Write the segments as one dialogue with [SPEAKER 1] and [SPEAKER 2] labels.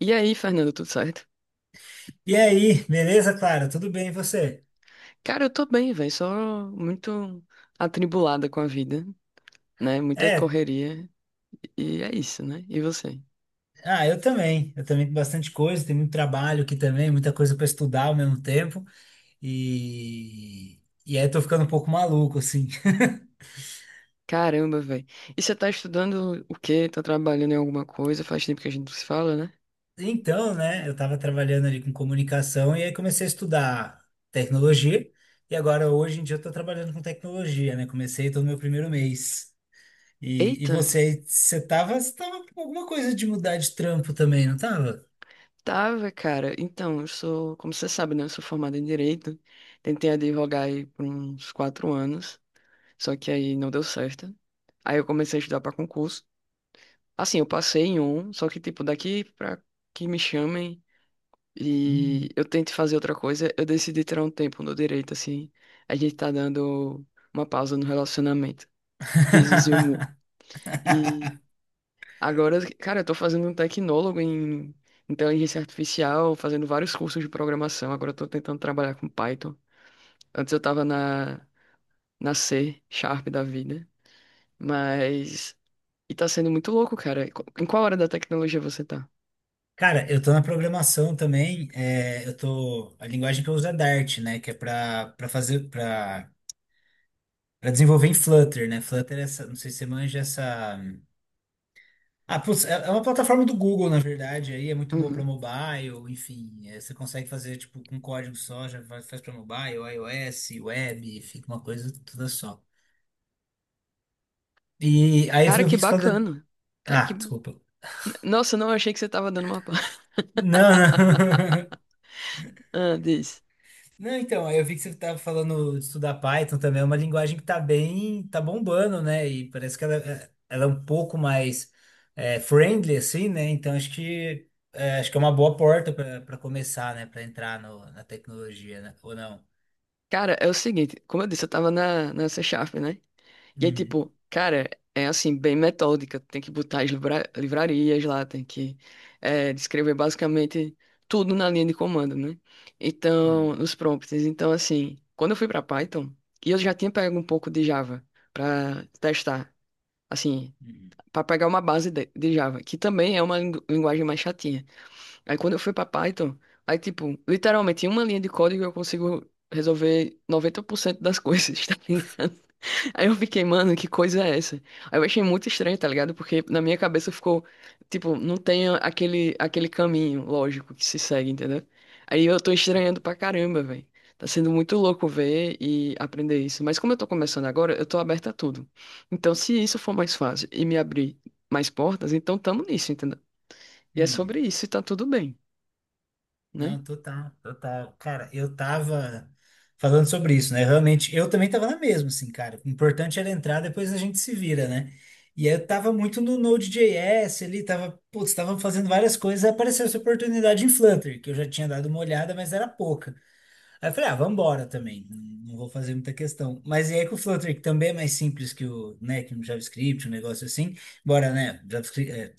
[SPEAKER 1] E aí, Fernando, tudo certo?
[SPEAKER 2] E aí, beleza, Clara? Tudo bem, e você?
[SPEAKER 1] Cara, eu tô bem, velho, só muito atribulada com a vida, né? Muita
[SPEAKER 2] É,
[SPEAKER 1] correria e é isso, né? E você?
[SPEAKER 2] ah, eu também. Eu também tenho bastante coisa, tem muito trabalho aqui também, muita coisa para estudar ao mesmo tempo. E aí eu tô ficando um pouco maluco, assim.
[SPEAKER 1] Caramba, velho. E você tá estudando o quê? Tá trabalhando em alguma coisa? Faz tempo que a gente não se fala, né?
[SPEAKER 2] Então, né, eu tava trabalhando ali com comunicação e aí comecei a estudar tecnologia. E agora, hoje em dia, eu tô trabalhando com tecnologia, né? Comecei tô no meu primeiro mês. E
[SPEAKER 1] Eita,
[SPEAKER 2] você, você tava com alguma coisa de mudar de trampo também, não tava?
[SPEAKER 1] tava, cara. Então, eu sou, como você sabe, né? Eu sou formada em Direito. Tentei advogar aí por uns 4 anos, só que aí não deu certo. Aí eu comecei a estudar pra concurso. Assim, eu passei em um, só que, tipo, daqui pra que me chamem.
[SPEAKER 2] Hum.
[SPEAKER 1] E eu tento fazer outra coisa, eu decidi tirar um tempo no direito, assim. A gente tá dando uma pausa no relacionamento. Risos e humor. E agora, cara, eu tô fazendo um tecnólogo em inteligência artificial, fazendo vários cursos de programação. Agora eu tô tentando trabalhar com Python. Antes eu tava na C Sharp da vida. Mas. E tá sendo muito louco, cara. Em qual hora da tecnologia você tá?
[SPEAKER 2] Cara, eu tô na programação também, é, eu tô, a linguagem que eu uso é Dart, né, que é pra, pra fazer, pra, pra desenvolver em Flutter, né, Flutter é essa, não sei se você manja essa, ah, putz, é uma plataforma do Google, na verdade, aí é muito boa pra
[SPEAKER 1] Uhum.
[SPEAKER 2] mobile, enfim, é, você consegue fazer, tipo, com código só, já faz pra mobile, iOS, web, fica uma coisa toda só. E aí
[SPEAKER 1] Cara,
[SPEAKER 2] eu vi
[SPEAKER 1] que
[SPEAKER 2] que você falou,
[SPEAKER 1] bacana. Cara,
[SPEAKER 2] ah,
[SPEAKER 1] que.
[SPEAKER 2] desculpa,
[SPEAKER 1] Nossa, não achei que você tava dando uma.
[SPEAKER 2] não,
[SPEAKER 1] Ah, diz.
[SPEAKER 2] Não, então, aí eu vi que você estava falando de estudar Python também, é uma linguagem que tá bem, tá bombando, né? E parece que ela é um pouco mais é, friendly, assim, né? Então acho que é uma boa porta para começar, né? Para entrar no- na tecnologia, né? Ou não?
[SPEAKER 1] Cara, é o seguinte, como eu disse, eu tava na C Sharp, né? E aí,
[SPEAKER 2] Uhum,
[SPEAKER 1] tipo, cara, é assim, bem metódica. Tem que botar as livrarias lá, tem que descrever basicamente tudo na linha de comando, né? Então,
[SPEAKER 2] uhum,
[SPEAKER 1] nos prompts. Então, assim, quando eu fui pra Python, e eu já tinha pego um pouco de Java pra testar, assim,
[SPEAKER 2] uhum,
[SPEAKER 1] pra pegar uma base de Java, que também é uma linguagem mais chatinha. Aí, quando eu fui pra Python, aí, tipo, literalmente, em uma linha de código eu consigo resolver 90% das coisas, tá ligado? Aí eu fiquei, mano, que coisa é essa? Aí eu achei muito estranho, tá ligado? Porque na minha cabeça ficou, tipo, não tem aquele caminho lógico que se segue, entendeu? Aí eu tô estranhando pra caramba, velho. Tá sendo muito louco ver e aprender isso. Mas como eu tô começando agora, eu tô aberta a tudo. Então, se isso for mais fácil e me abrir mais portas, então tamo nisso, entendeu? E é
[SPEAKER 2] uhum.
[SPEAKER 1] sobre isso e tá tudo bem, né?
[SPEAKER 2] Não, total, total. Cara, eu tava falando sobre isso, né? Realmente, eu também tava na mesma, assim, cara. O importante era entrar, depois a gente se vira, né? E aí eu tava muito no Node.js ali, tava, putz, tava fazendo várias coisas, aí apareceu essa oportunidade em Flutter, que eu já tinha dado uma olhada, mas era pouca. Aí eu falei, ah, vambora também, não vou fazer muita questão. Mas e aí com o Flutter, que também é mais simples que o, né, que o JavaScript, um negócio assim, embora, né, JavaScript, é,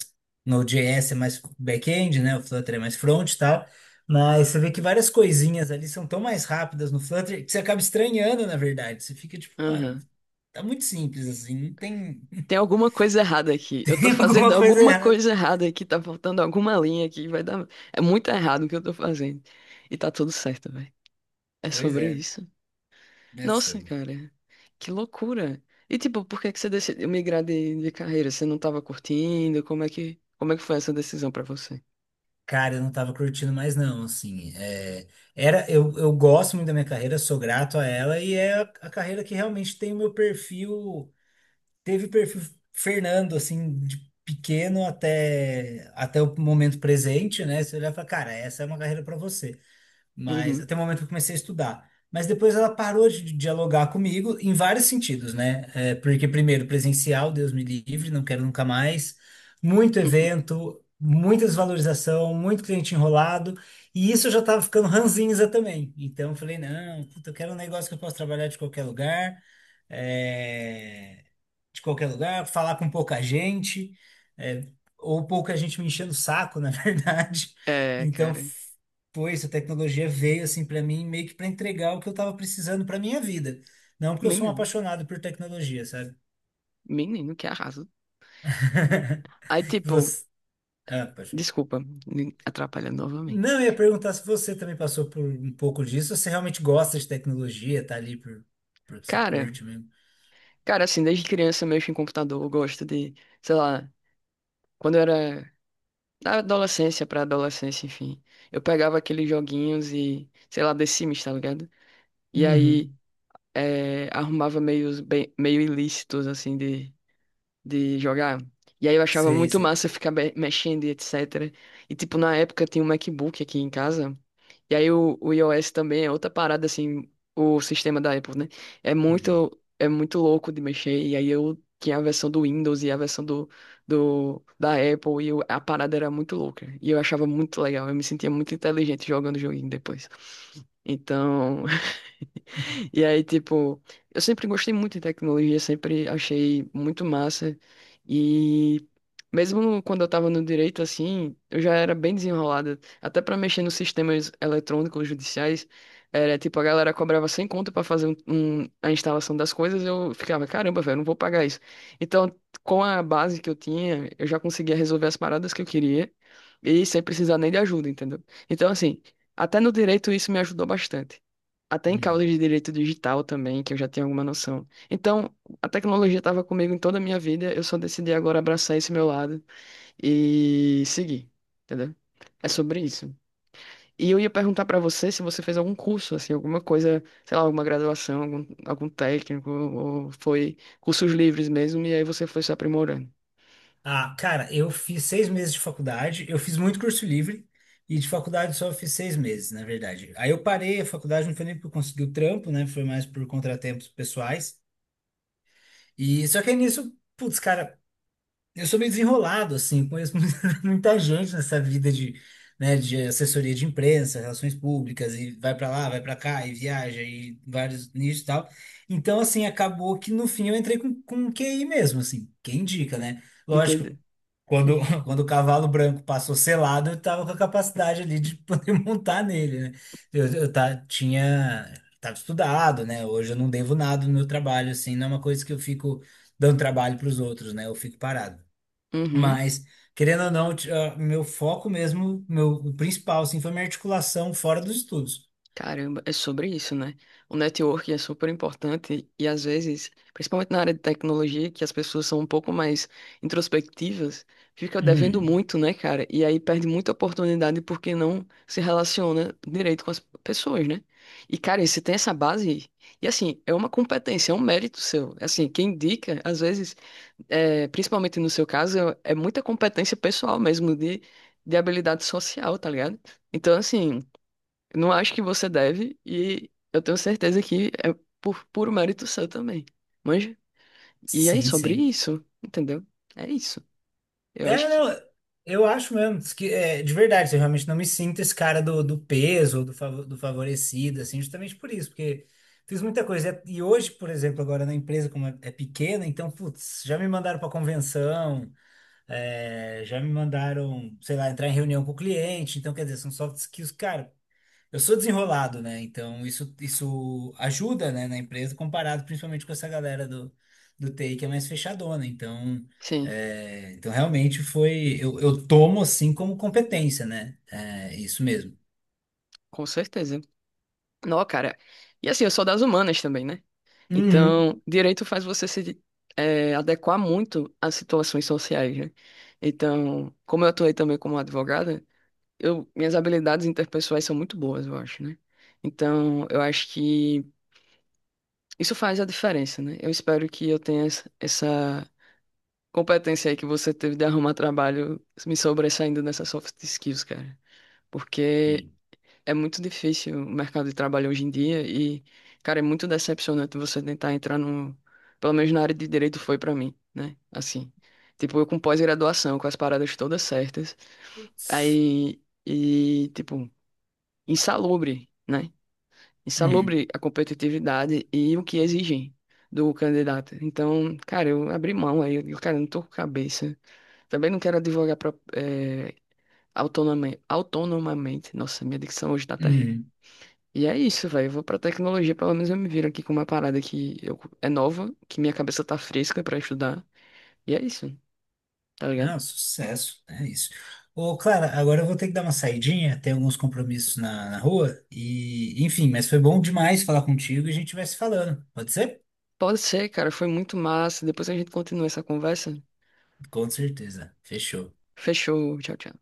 [SPEAKER 2] Node.js é mais back-end, né, o Flutter é mais front e tal, mas você vê que várias coisinhas ali são tão mais rápidas no Flutter que você acaba estranhando, na verdade. Você fica tipo, mano,
[SPEAKER 1] Aham.
[SPEAKER 2] tá muito simples assim, não tem,
[SPEAKER 1] Tem alguma coisa errada aqui. Eu
[SPEAKER 2] tem
[SPEAKER 1] tô fazendo
[SPEAKER 2] alguma coisa
[SPEAKER 1] alguma
[SPEAKER 2] errada.
[SPEAKER 1] coisa errada aqui. Tá faltando alguma linha aqui. Vai dar. É muito errado o que eu tô fazendo. E tá tudo certo, velho. É
[SPEAKER 2] Pois
[SPEAKER 1] sobre
[SPEAKER 2] é,
[SPEAKER 1] isso.
[SPEAKER 2] é
[SPEAKER 1] Nossa,
[SPEAKER 2] sobre.
[SPEAKER 1] cara. Que loucura. E tipo, por que que você decidiu migrar de carreira? Você não tava curtindo? Como é que foi essa decisão pra você?
[SPEAKER 2] Cara, eu não tava curtindo mais não, assim, é, era, eu gosto muito da minha carreira, sou grato a ela, e é a carreira que realmente tem o meu perfil, teve perfil Fernando, assim, de pequeno até, até o momento presente, né, você olhar e fala, cara, essa é uma carreira pra você mas
[SPEAKER 1] Uhum.
[SPEAKER 2] até o momento que eu comecei a estudar. Mas depois ela parou de dialogar comigo em vários sentidos, né? É, porque, primeiro, presencial, Deus me livre, não quero nunca mais. Muito evento, muita desvalorização, muito cliente enrolado. E isso eu já estava ficando ranzinza também. Então, eu falei, não, puta, eu quero um negócio que eu posso trabalhar de qualquer lugar é, de qualquer lugar, falar com pouca gente, é, ou pouca gente me enchendo o saco, na verdade.
[SPEAKER 1] É,
[SPEAKER 2] Então,
[SPEAKER 1] cara.
[SPEAKER 2] foi isso, a tecnologia veio assim para mim, meio que para entregar o que eu estava precisando para minha vida. Não porque eu sou um
[SPEAKER 1] Menino.
[SPEAKER 2] apaixonado por tecnologia, sabe?
[SPEAKER 1] Menino que arrasa. Aí, tipo,
[SPEAKER 2] Você... Ah, apaixonado.
[SPEAKER 1] desculpa, me atrapalhando
[SPEAKER 2] Não,
[SPEAKER 1] novamente.
[SPEAKER 2] eu ia perguntar se você também passou por um pouco disso, se você realmente gosta de tecnologia, tá ali por você
[SPEAKER 1] Cara.
[SPEAKER 2] curte mesmo.
[SPEAKER 1] Cara, assim, desde criança eu mexo em computador, eu gosto de, sei lá, quando eu era da adolescência pra adolescência, enfim, eu pegava aqueles joguinhos e, sei lá, The Sims, tá ligado? E aí
[SPEAKER 2] Uhum.
[SPEAKER 1] arrumava meios bem, meio ilícitos, assim, de jogar. E aí eu achava
[SPEAKER 2] Sei,
[SPEAKER 1] muito
[SPEAKER 2] sei.
[SPEAKER 1] massa ficar mexendo e etc. E, tipo, na época tinha um MacBook aqui em casa. E aí o iOS também é outra parada, assim, o sistema da Apple, né? É
[SPEAKER 2] Uhum.
[SPEAKER 1] muito, é muito louco de mexer. E aí eu tinha a versão do Windows e a versão da Apple, e a parada era muito louca. E eu achava muito legal, eu me sentia muito inteligente jogando o joguinho depois. Então, E aí, tipo, eu sempre gostei muito de tecnologia, sempre achei muito massa. E mesmo quando eu tava no direito, assim, eu já era bem desenrolada. Até pra mexer nos sistemas eletrônicos judiciais, era tipo, a galera cobrava sem conta pra fazer a instalação das coisas, eu ficava, caramba, velho, não vou pagar isso. Então, com a base que eu tinha, eu já conseguia resolver as paradas que eu queria e sem precisar nem de ajuda, entendeu? Então, assim, até no direito isso me ajudou bastante. Até em
[SPEAKER 2] Uhum.
[SPEAKER 1] causas de direito digital também, que eu já tenho alguma noção. Então, a tecnologia estava comigo em toda a minha vida, eu só decidi agora abraçar esse meu lado e seguir, entendeu? É sobre isso. E eu ia perguntar pra você se você fez algum curso, assim, alguma coisa, sei lá, alguma graduação, algum técnico, ou foi cursos livres mesmo, e aí você foi se aprimorando.
[SPEAKER 2] Ah, cara, eu fiz 6 meses de faculdade, eu fiz muito curso livre e de faculdade só fiz 6 meses, na verdade. Aí eu parei a faculdade, não foi nem por conseguir o trampo, né? Foi mais por contratempos pessoais. E só que aí nisso, putz, cara, eu sou meio desenrolado, assim, conheço muita gente nessa vida de, né, de assessoria de imprensa, relações públicas, e vai pra lá, vai pra cá, e viaja, e vários nichos e tal. Então, assim, acabou que no fim eu entrei com QI mesmo, assim, quem indica, né? Lógico,
[SPEAKER 1] Entendeu?
[SPEAKER 2] quando o cavalo branco passou selado, eu tava com a capacidade ali de poder montar nele, né? Eu tava estudado, né? Hoje eu não devo nada no meu trabalho, assim, não é uma coisa que eu fico dando trabalho para os outros, né? Eu fico parado.
[SPEAKER 1] Uhum.
[SPEAKER 2] Mas, querendo ou não, ah, meu foco mesmo, meu, o principal, assim, foi minha articulação fora dos estudos.
[SPEAKER 1] Caramba, é sobre isso, né? O networking é super importante e às vezes, principalmente na área de tecnologia, que as pessoas são um pouco mais introspectivas, fica devendo
[SPEAKER 2] Hum,
[SPEAKER 1] muito, né, cara? E aí perde muita oportunidade porque não se relaciona direito com as pessoas, né? E, cara, você tem essa base e, assim, é uma competência, é um mérito seu. Assim, quem indica, às vezes, principalmente no seu caso, é muita competência pessoal mesmo de habilidade social, tá ligado? Então, assim. Não acho que você deve, e eu tenho certeza que é por puro mérito seu também. Manja? E é
[SPEAKER 2] sim,
[SPEAKER 1] sobre
[SPEAKER 2] sim.
[SPEAKER 1] isso, entendeu? É isso. Eu
[SPEAKER 2] É,
[SPEAKER 1] acho que
[SPEAKER 2] não, eu acho mesmo diz que é, de verdade, eu realmente não me sinto esse cara do, do peso, do, do favorecido, assim, justamente por isso, porque fiz muita coisa. É, e hoje, por exemplo, agora na empresa, como é, é pequena, então, putz, já me mandaram para convenção, é, já me mandaram, sei lá, entrar em reunião com o cliente, então, quer dizer, são soft skills, cara, eu sou desenrolado, né? Então isso ajuda, né, na empresa, comparado principalmente com essa galera do, do TI que é mais fechadona. Então,
[SPEAKER 1] sim,
[SPEAKER 2] é, então realmente foi. Eu tomo assim como competência, né? É isso mesmo.
[SPEAKER 1] com certeza. Não, cara. E assim, eu sou das humanas também, né?
[SPEAKER 2] Uhum.
[SPEAKER 1] Então, direito faz você se adequar muito às situações sociais, né? Então, como eu atuei também como advogada, minhas habilidades interpessoais são muito boas, eu acho, né? Então, eu acho que. Isso faz a diferença, né? Eu espero que eu tenha essa competência aí que você teve de arrumar trabalho me sobressaindo nessas soft skills, cara. Porque
[SPEAKER 2] Sim.
[SPEAKER 1] é muito difícil o mercado de trabalho hoje em dia e, cara, é muito decepcionante você tentar entrar no. Pelo menos na área de direito foi pra mim, né? Assim. Tipo, eu com pós-graduação, com as paradas todas certas.
[SPEAKER 2] Putz.
[SPEAKER 1] Aí. E, tipo, insalubre, né?
[SPEAKER 2] Uhum,
[SPEAKER 1] Insalubre a competitividade e o que exigem do candidato. Então, cara, eu abri mão aí, eu, digo, cara, eu não tô com cabeça. Também não quero advogar pro, autonomamente. Nossa, minha dicção hoje tá terrível.
[SPEAKER 2] uhum.
[SPEAKER 1] E é isso, velho. Eu vou pra tecnologia, pelo menos eu me viro aqui com uma parada que eu, é nova, que minha cabeça tá fresca pra estudar. E é isso, tá ligado?
[SPEAKER 2] Não, sucesso, é isso. Ô, Clara, agora eu vou ter que dar uma saidinha, tem alguns compromissos na, na rua, e enfim, mas foi bom demais falar contigo e a gente vai se falando, pode ser?
[SPEAKER 1] Pode ser, cara. Foi muito massa. Depois a gente continua essa conversa.
[SPEAKER 2] Com certeza. Fechou. Tchau.
[SPEAKER 1] Fechou. Tchau, tchau.